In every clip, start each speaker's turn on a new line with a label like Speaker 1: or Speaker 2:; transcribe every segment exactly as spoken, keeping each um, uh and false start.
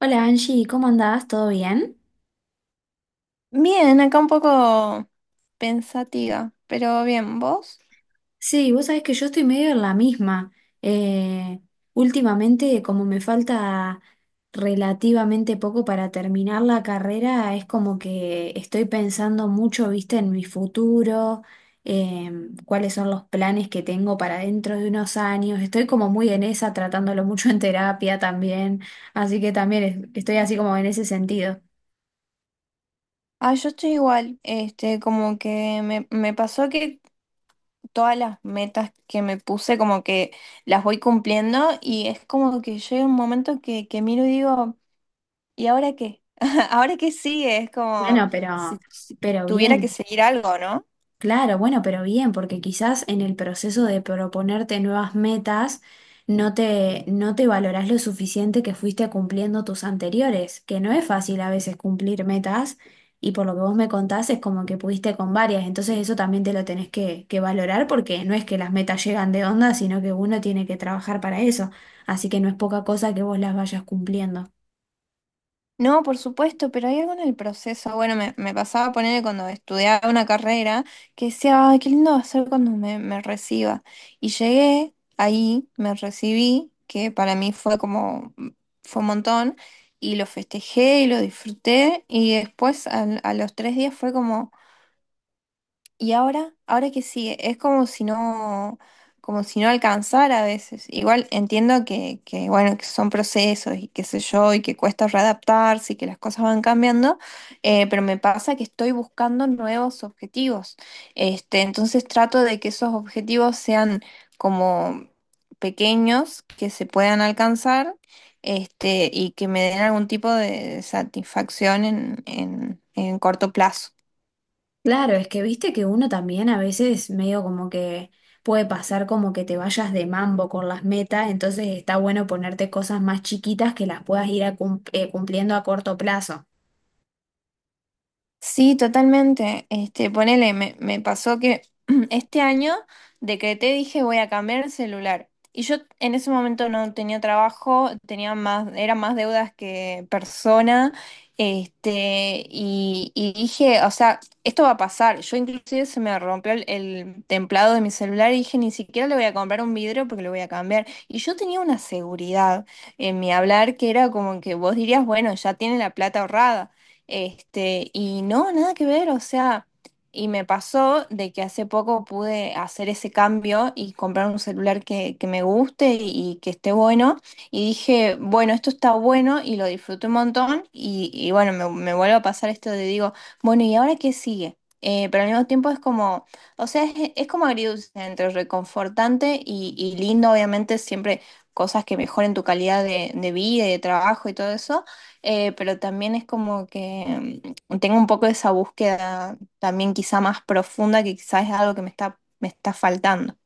Speaker 1: Hola Angie, ¿cómo andás? ¿Todo bien?
Speaker 2: Bien, acá un poco pensativa, pero bien, ¿vos?
Speaker 1: Sí, vos sabés que yo estoy medio en la misma. Eh, Últimamente, como me falta relativamente poco para terminar la carrera, es como que estoy pensando mucho, viste, en mi futuro, em, cuáles son los planes que tengo para dentro de unos años. Estoy como muy en esa, tratándolo mucho en terapia también, así que también es- estoy así como en ese sentido.
Speaker 2: Ah, yo estoy igual, este, como que me, me pasó que todas las metas que me puse, como que las voy cumpliendo y es como que llega un momento que, que miro y digo, ¿y ahora qué? ¿Ahora qué sigue? Es como
Speaker 1: Bueno,
Speaker 2: si,
Speaker 1: pero,
Speaker 2: si
Speaker 1: pero
Speaker 2: tuviera que
Speaker 1: bien.
Speaker 2: seguir algo, ¿no?
Speaker 1: Claro, bueno, pero bien, porque quizás en el proceso de proponerte nuevas metas no te, no te valorás lo suficiente que fuiste cumpliendo tus anteriores, que no es fácil a veces cumplir metas y por lo que vos me contás es como que pudiste con varias, entonces eso también te lo tenés que, que valorar porque no es que las metas llegan de onda, sino que uno tiene que trabajar para eso, así que no es poca cosa que vos las vayas cumpliendo.
Speaker 2: No, por supuesto, pero hay algo en el proceso. Bueno, me, me pasaba a ponerle cuando estudiaba una carrera que decía, ay, qué lindo va a ser cuando me, me reciba. Y llegué ahí, me recibí, que para mí fue como, mm, fue un montón, y lo festejé y lo disfruté. Y después al- a los tres días fue como. ¿Y ahora? ¿Ahora qué sigue? Es como si no, como si no alcanzara a veces. Igual entiendo que, que, bueno, que son procesos y qué sé yo, y que cuesta readaptarse y que las cosas van cambiando, eh, pero me pasa que estoy buscando nuevos objetivos. Este, entonces trato de que esos objetivos sean como pequeños, que se puedan alcanzar, este, y que me den algún tipo de satisfacción en, en en corto plazo.
Speaker 1: Claro, es que viste que uno también a veces medio como que puede pasar como que te vayas de mambo con las metas, entonces está bueno ponerte cosas más chiquitas que las puedas ir a cum- eh, cumpliendo a corto plazo.
Speaker 2: Sí, totalmente. Este, ponele, me, me pasó que este año decreté, dije, voy a cambiar el celular. Y yo en ese momento no tenía trabajo, tenía más, era más deudas que persona. Este, y, y dije, o sea, esto va a pasar. Yo inclusive se me rompió el, el templado de mi celular y dije, ni siquiera le voy a comprar un vidrio porque lo voy a cambiar. Y yo tenía una seguridad en mi hablar que era como que vos dirías, bueno, ya tiene la plata ahorrada. Este, y no, nada que ver, o sea, y me pasó de que hace poco pude hacer ese cambio y comprar un celular que, que me guste y que esté bueno, y dije, bueno, esto está bueno y lo disfruté un montón, y, y bueno, me, me vuelve a pasar esto de digo, bueno, ¿y ahora qué sigue? Eh, pero al mismo tiempo es como, o sea, es, es como agridulce entre reconfortante y, y lindo, obviamente, siempre cosas que mejoren tu calidad de, de vida y de trabajo y todo eso eh, pero también es como que mm, tengo un poco esa búsqueda también quizá más profunda que quizás es algo que me está, me está faltando.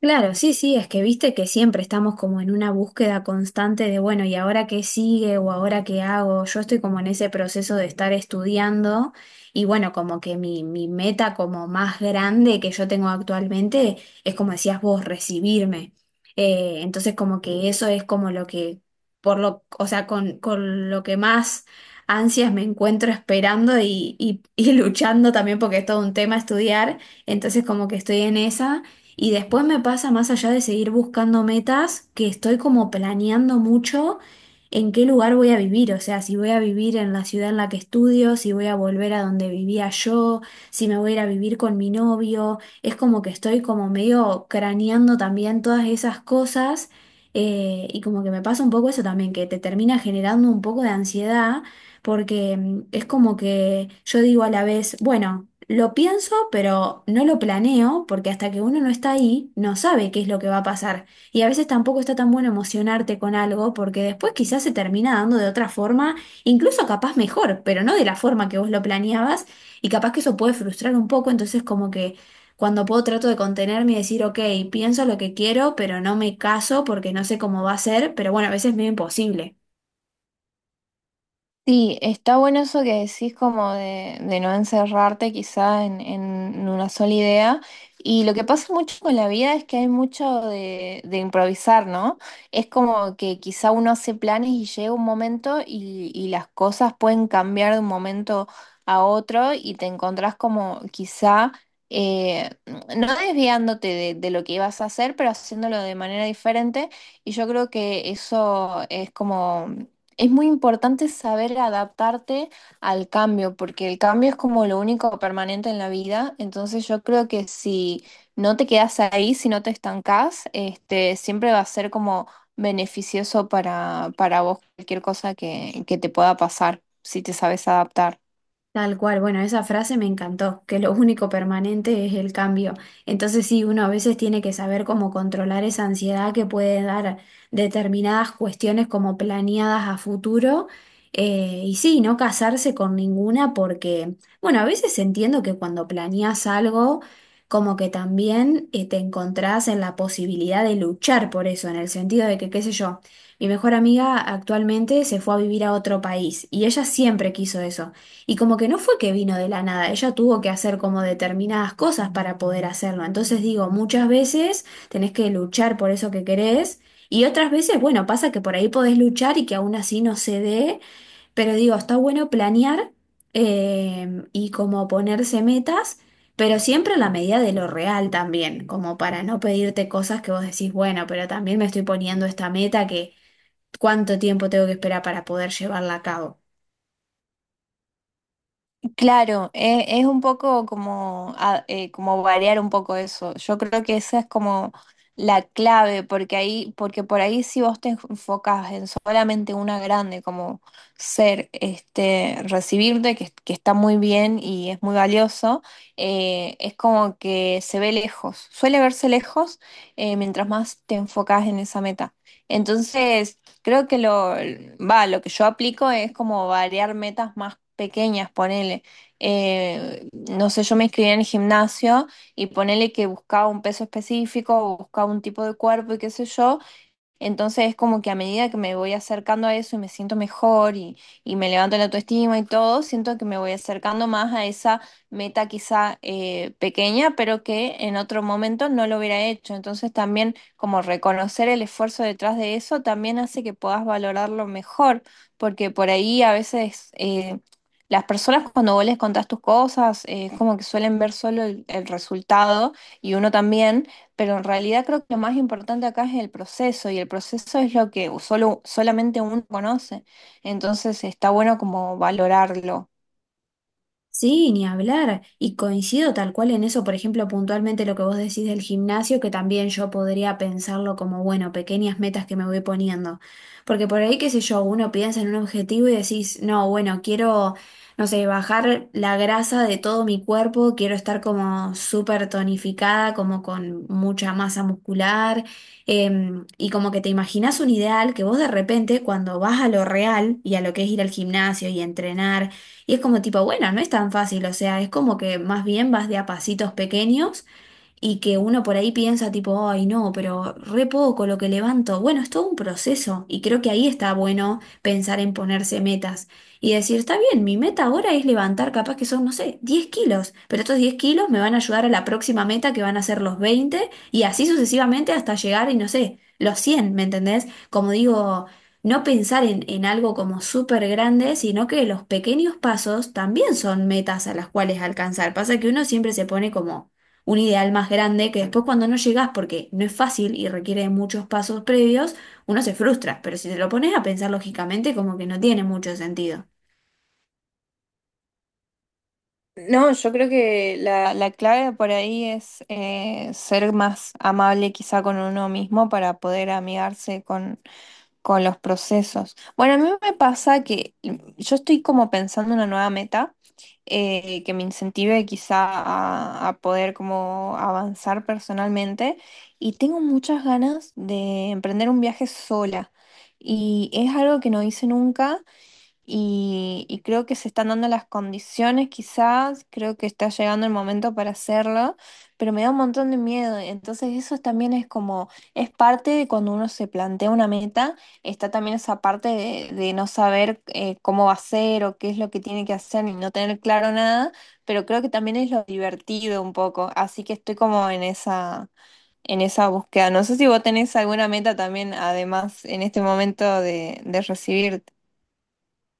Speaker 1: Claro, sí, sí, es que viste que siempre estamos como en una búsqueda constante de, bueno, ¿y ahora qué sigue o ahora qué hago? Yo estoy como en ese proceso de estar estudiando y bueno, como que mi, mi meta como más grande que yo tengo actualmente es como decías vos, recibirme. Eh, entonces como que eso es como lo que, por lo, o sea, con, con lo que más ansias me encuentro esperando y, y y luchando también porque es todo un tema estudiar, entonces como que estoy en esa. Y después me pasa más allá de seguir buscando metas, que estoy como planeando mucho en qué lugar voy a vivir, o sea, si voy a vivir en la ciudad en la que estudio, si voy a volver a donde vivía yo, si me voy a ir a vivir con mi novio, es como que estoy como medio craneando también todas esas cosas eh, y como que me pasa un poco eso también, que te termina generando un poco de ansiedad porque mm, es como que yo digo a la vez, bueno, lo pienso, pero no lo planeo, porque hasta que uno no está ahí, no sabe qué es lo que va a pasar. Y a veces tampoco está tan bueno emocionarte con algo, porque después quizás se termina dando de otra forma, incluso capaz mejor, pero no de la forma que vos lo planeabas, y capaz que eso puede frustrar un poco, entonces como que... Cuando puedo trato de contenerme y decir, ok, pienso lo que quiero, pero no me caso porque no sé cómo va a ser, pero bueno, a veces es medio imposible.
Speaker 2: Sí, está bueno eso que decís como de, de no encerrarte quizá en, en una sola idea. Y lo que pasa mucho con la vida es que hay mucho de, de improvisar, ¿no? Es como que quizá uno hace planes y llega un momento y, y las cosas pueden cambiar de un momento a otro y te encontrás como quizá, eh, no desviándote de, de lo que ibas a hacer, pero haciéndolo de manera diferente. Y yo creo que eso es como es muy importante saber adaptarte al cambio, porque el cambio es como lo único permanente en la vida. Entonces yo creo que si no te quedas ahí, si no te estancás, este, siempre va a ser como beneficioso para, para vos cualquier cosa que, que te pueda pasar, si te sabes adaptar.
Speaker 1: Tal cual, bueno, esa frase me encantó, que lo único permanente es el cambio. Entonces sí, uno a veces tiene que saber cómo controlar esa ansiedad que puede dar determinadas cuestiones como planeadas a futuro. Eh, y sí, no casarse con ninguna porque, bueno, a veces entiendo que cuando planeas algo, como que también eh, te encontrás en la posibilidad de luchar por eso, en el sentido de que, qué sé yo, mi mejor amiga actualmente se fue a vivir a otro país y ella siempre quiso eso. Y como que no fue que vino de la nada, ella tuvo que hacer como determinadas cosas para poder hacerlo. Entonces digo, muchas veces tenés que luchar por eso que querés y otras veces, bueno, pasa que por ahí podés luchar y que aún así no se dé, pero digo, está bueno planear eh, y como ponerse metas, pero siempre a la medida de lo real también, como para no pedirte cosas que vos decís, bueno, pero también me estoy poniendo esta meta que cuánto tiempo tengo que esperar para poder llevarla a cabo.
Speaker 2: Claro, e- es, un poco como, a- eh, como variar un poco eso. Yo creo que esa es como la clave, porque ahí, porque por ahí si vos te enfocas en solamente una grande, como ser, este, recibirte, que, que está muy bien y es muy valioso, eh, es como que se ve lejos. Suele verse lejos, eh, mientras más te enfocas en esa meta. Entonces, creo que lo, va, lo que yo aplico es como variar metas más pequeñas, ponele eh, no sé, yo me inscribí en el gimnasio y ponele que buscaba un peso específico o buscaba un tipo de cuerpo y qué sé yo, entonces es como que a medida que me voy acercando a eso y me siento mejor y, y me levanto la autoestima y todo, siento que me voy acercando más a esa meta quizá eh, pequeña, pero que en otro momento no lo hubiera hecho. Entonces también como reconocer el esfuerzo detrás de eso también hace que puedas valorarlo mejor, porque por ahí a veces eh, las personas cuando vos les contás tus cosas eh, es como que suelen ver solo el el resultado y uno también. Pero en realidad creo que lo más importante acá es el proceso y el proceso es lo que solo, solamente uno conoce. Entonces está bueno como valorarlo.
Speaker 1: Sí, ni hablar. Y coincido tal cual en eso, por ejemplo, puntualmente lo que vos decís del gimnasio, que también yo podría pensarlo como, bueno, pequeñas metas que me voy poniendo. Porque por ahí, qué sé yo, uno piensa en un objetivo y decís, no, bueno, quiero, no sé, bajar la grasa de todo mi cuerpo, quiero estar como súper tonificada, como con mucha masa muscular. Em, y como que te imaginás un ideal que vos de repente, cuando vas a lo real y a lo que es ir al gimnasio y entrenar, y es como tipo, bueno, no es tan fácil, o sea, es como que más bien vas de a pasitos pequeños y que uno por ahí piensa tipo, ay no, pero re poco lo que levanto. Bueno, es todo un proceso y creo que ahí está bueno pensar en ponerse metas y decir, está bien, mi meta ahora es levantar capaz que son, no sé, diez kilos, pero estos diez kilos me van a ayudar a la próxima meta que van a ser los veinte y así sucesivamente hasta llegar y no sé, los cien, ¿me entendés? Como digo... No pensar en, en algo como súper grande, sino que los pequeños pasos también son metas a las cuales alcanzar. Pasa que uno siempre se pone como un ideal más grande que después cuando no llegas, porque no es fácil y requiere de muchos pasos previos, uno se frustra, pero si te lo pones a pensar lógicamente, como que no tiene mucho sentido.
Speaker 2: No, yo creo que la, la clave por ahí es eh, ser más amable quizá con uno mismo para poder amigarse con, con los procesos. Bueno, a mí me pasa que mm, yo estoy como pensando una nueva meta eh, que me incentive quizá a, a poder como avanzar personalmente y tengo muchas ganas de emprender un viaje sola y es algo que no hice nunca y, y creo que se están dando las condiciones quizás, creo que está llegando el momento para hacerlo, pero me da un montón de miedo. Entonces eso también es como, es parte de cuando uno se plantea una meta, está también esa parte de, de no saber eh, cómo va a ser o qué es lo que tiene que hacer y no tener claro nada, pero creo que también es lo divertido un poco, así que estoy como en esa, en esa búsqueda. No sé si vos tenés alguna meta también, además, en este momento de, de recibirte.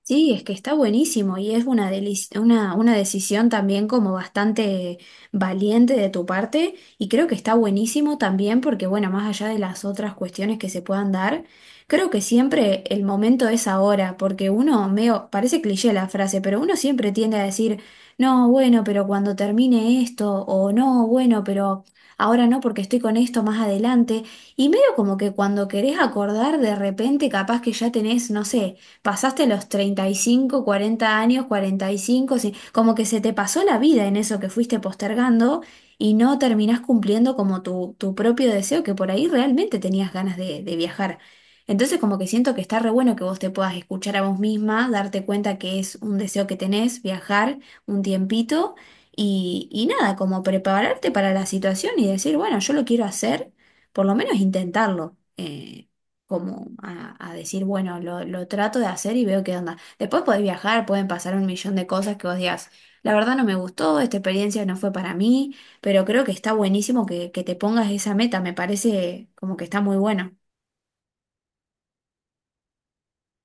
Speaker 1: Sí, es que está buenísimo y es una, delici- una, una decisión también como bastante valiente de tu parte y creo que está buenísimo también porque, bueno, más allá de las otras cuestiones que se puedan dar, creo que siempre el momento es ahora porque uno, medio, parece cliché la frase, pero uno siempre tiende a decir, no, bueno, pero cuando termine esto o no, bueno, pero ahora no porque estoy con esto más adelante y medio como que cuando querés acordar de repente capaz que ya tenés, no sé, pasaste los treinta y cinco, cuarenta años, cuarenta y cinco, sí, como que se te pasó la vida en eso que fuiste postergando y no terminás cumpliendo como tu, tu propio deseo, que por ahí realmente tenías ganas de, de viajar. Entonces como que siento que está re bueno que vos te puedas escuchar a vos misma, darte cuenta que es un deseo que tenés, viajar un tiempito y, y nada, como prepararte para la situación y decir, bueno, yo lo quiero hacer, por lo menos intentarlo. Eh, como a, a decir, bueno, lo, lo trato de hacer y veo qué onda. Después podés viajar, pueden pasar un millón de cosas que vos digas, la verdad no me gustó, esta experiencia no fue para mí, pero creo que está buenísimo que, que te pongas esa meta, me parece como que está muy bueno.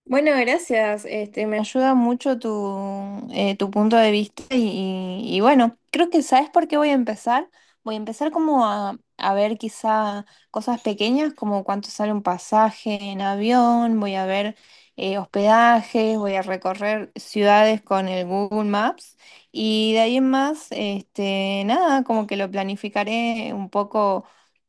Speaker 2: Bueno, gracias. Este, me ayuda mucho tu, eh, tu punto de vista y, y- y bueno, creo que ¿sabes por qué voy a empezar? Voy a empezar como a, a ver quizá cosas pequeñas como cuánto sale un pasaje en avión, voy a ver eh, hospedajes, voy a recorrer ciudades con el Google Maps y de ahí en más, este, nada, como que lo planificaré un poco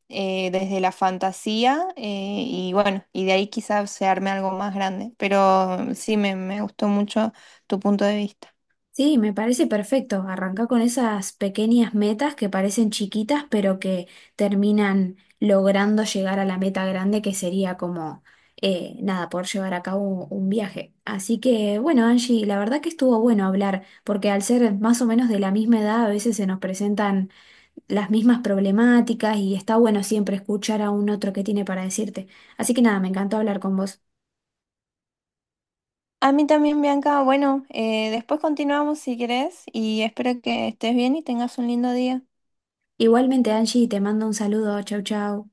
Speaker 2: eh, desde la fantasía eh, y bueno, y de ahí quizás se arme algo más grande, pero sí, me, me gustó mucho tu punto de vista.
Speaker 1: Sí, me parece perfecto. Arranca con esas pequeñas metas que parecen chiquitas, pero que terminan logrando llegar a la meta grande, que sería como, eh, nada, poder llevar a cabo un viaje. Así que, bueno, Angie, la verdad que estuvo bueno hablar, porque al ser más o menos de la misma edad, a veces se nos presentan las mismas problemáticas y está bueno siempre escuchar a un otro que tiene para decirte. Así que nada, me encantó hablar con vos.
Speaker 2: A mí también, Bianca, bueno, eh, después continuamos si querés y espero que estés bien y tengas un lindo día.
Speaker 1: Igualmente, Angie, te mando un saludo. Chau, chau.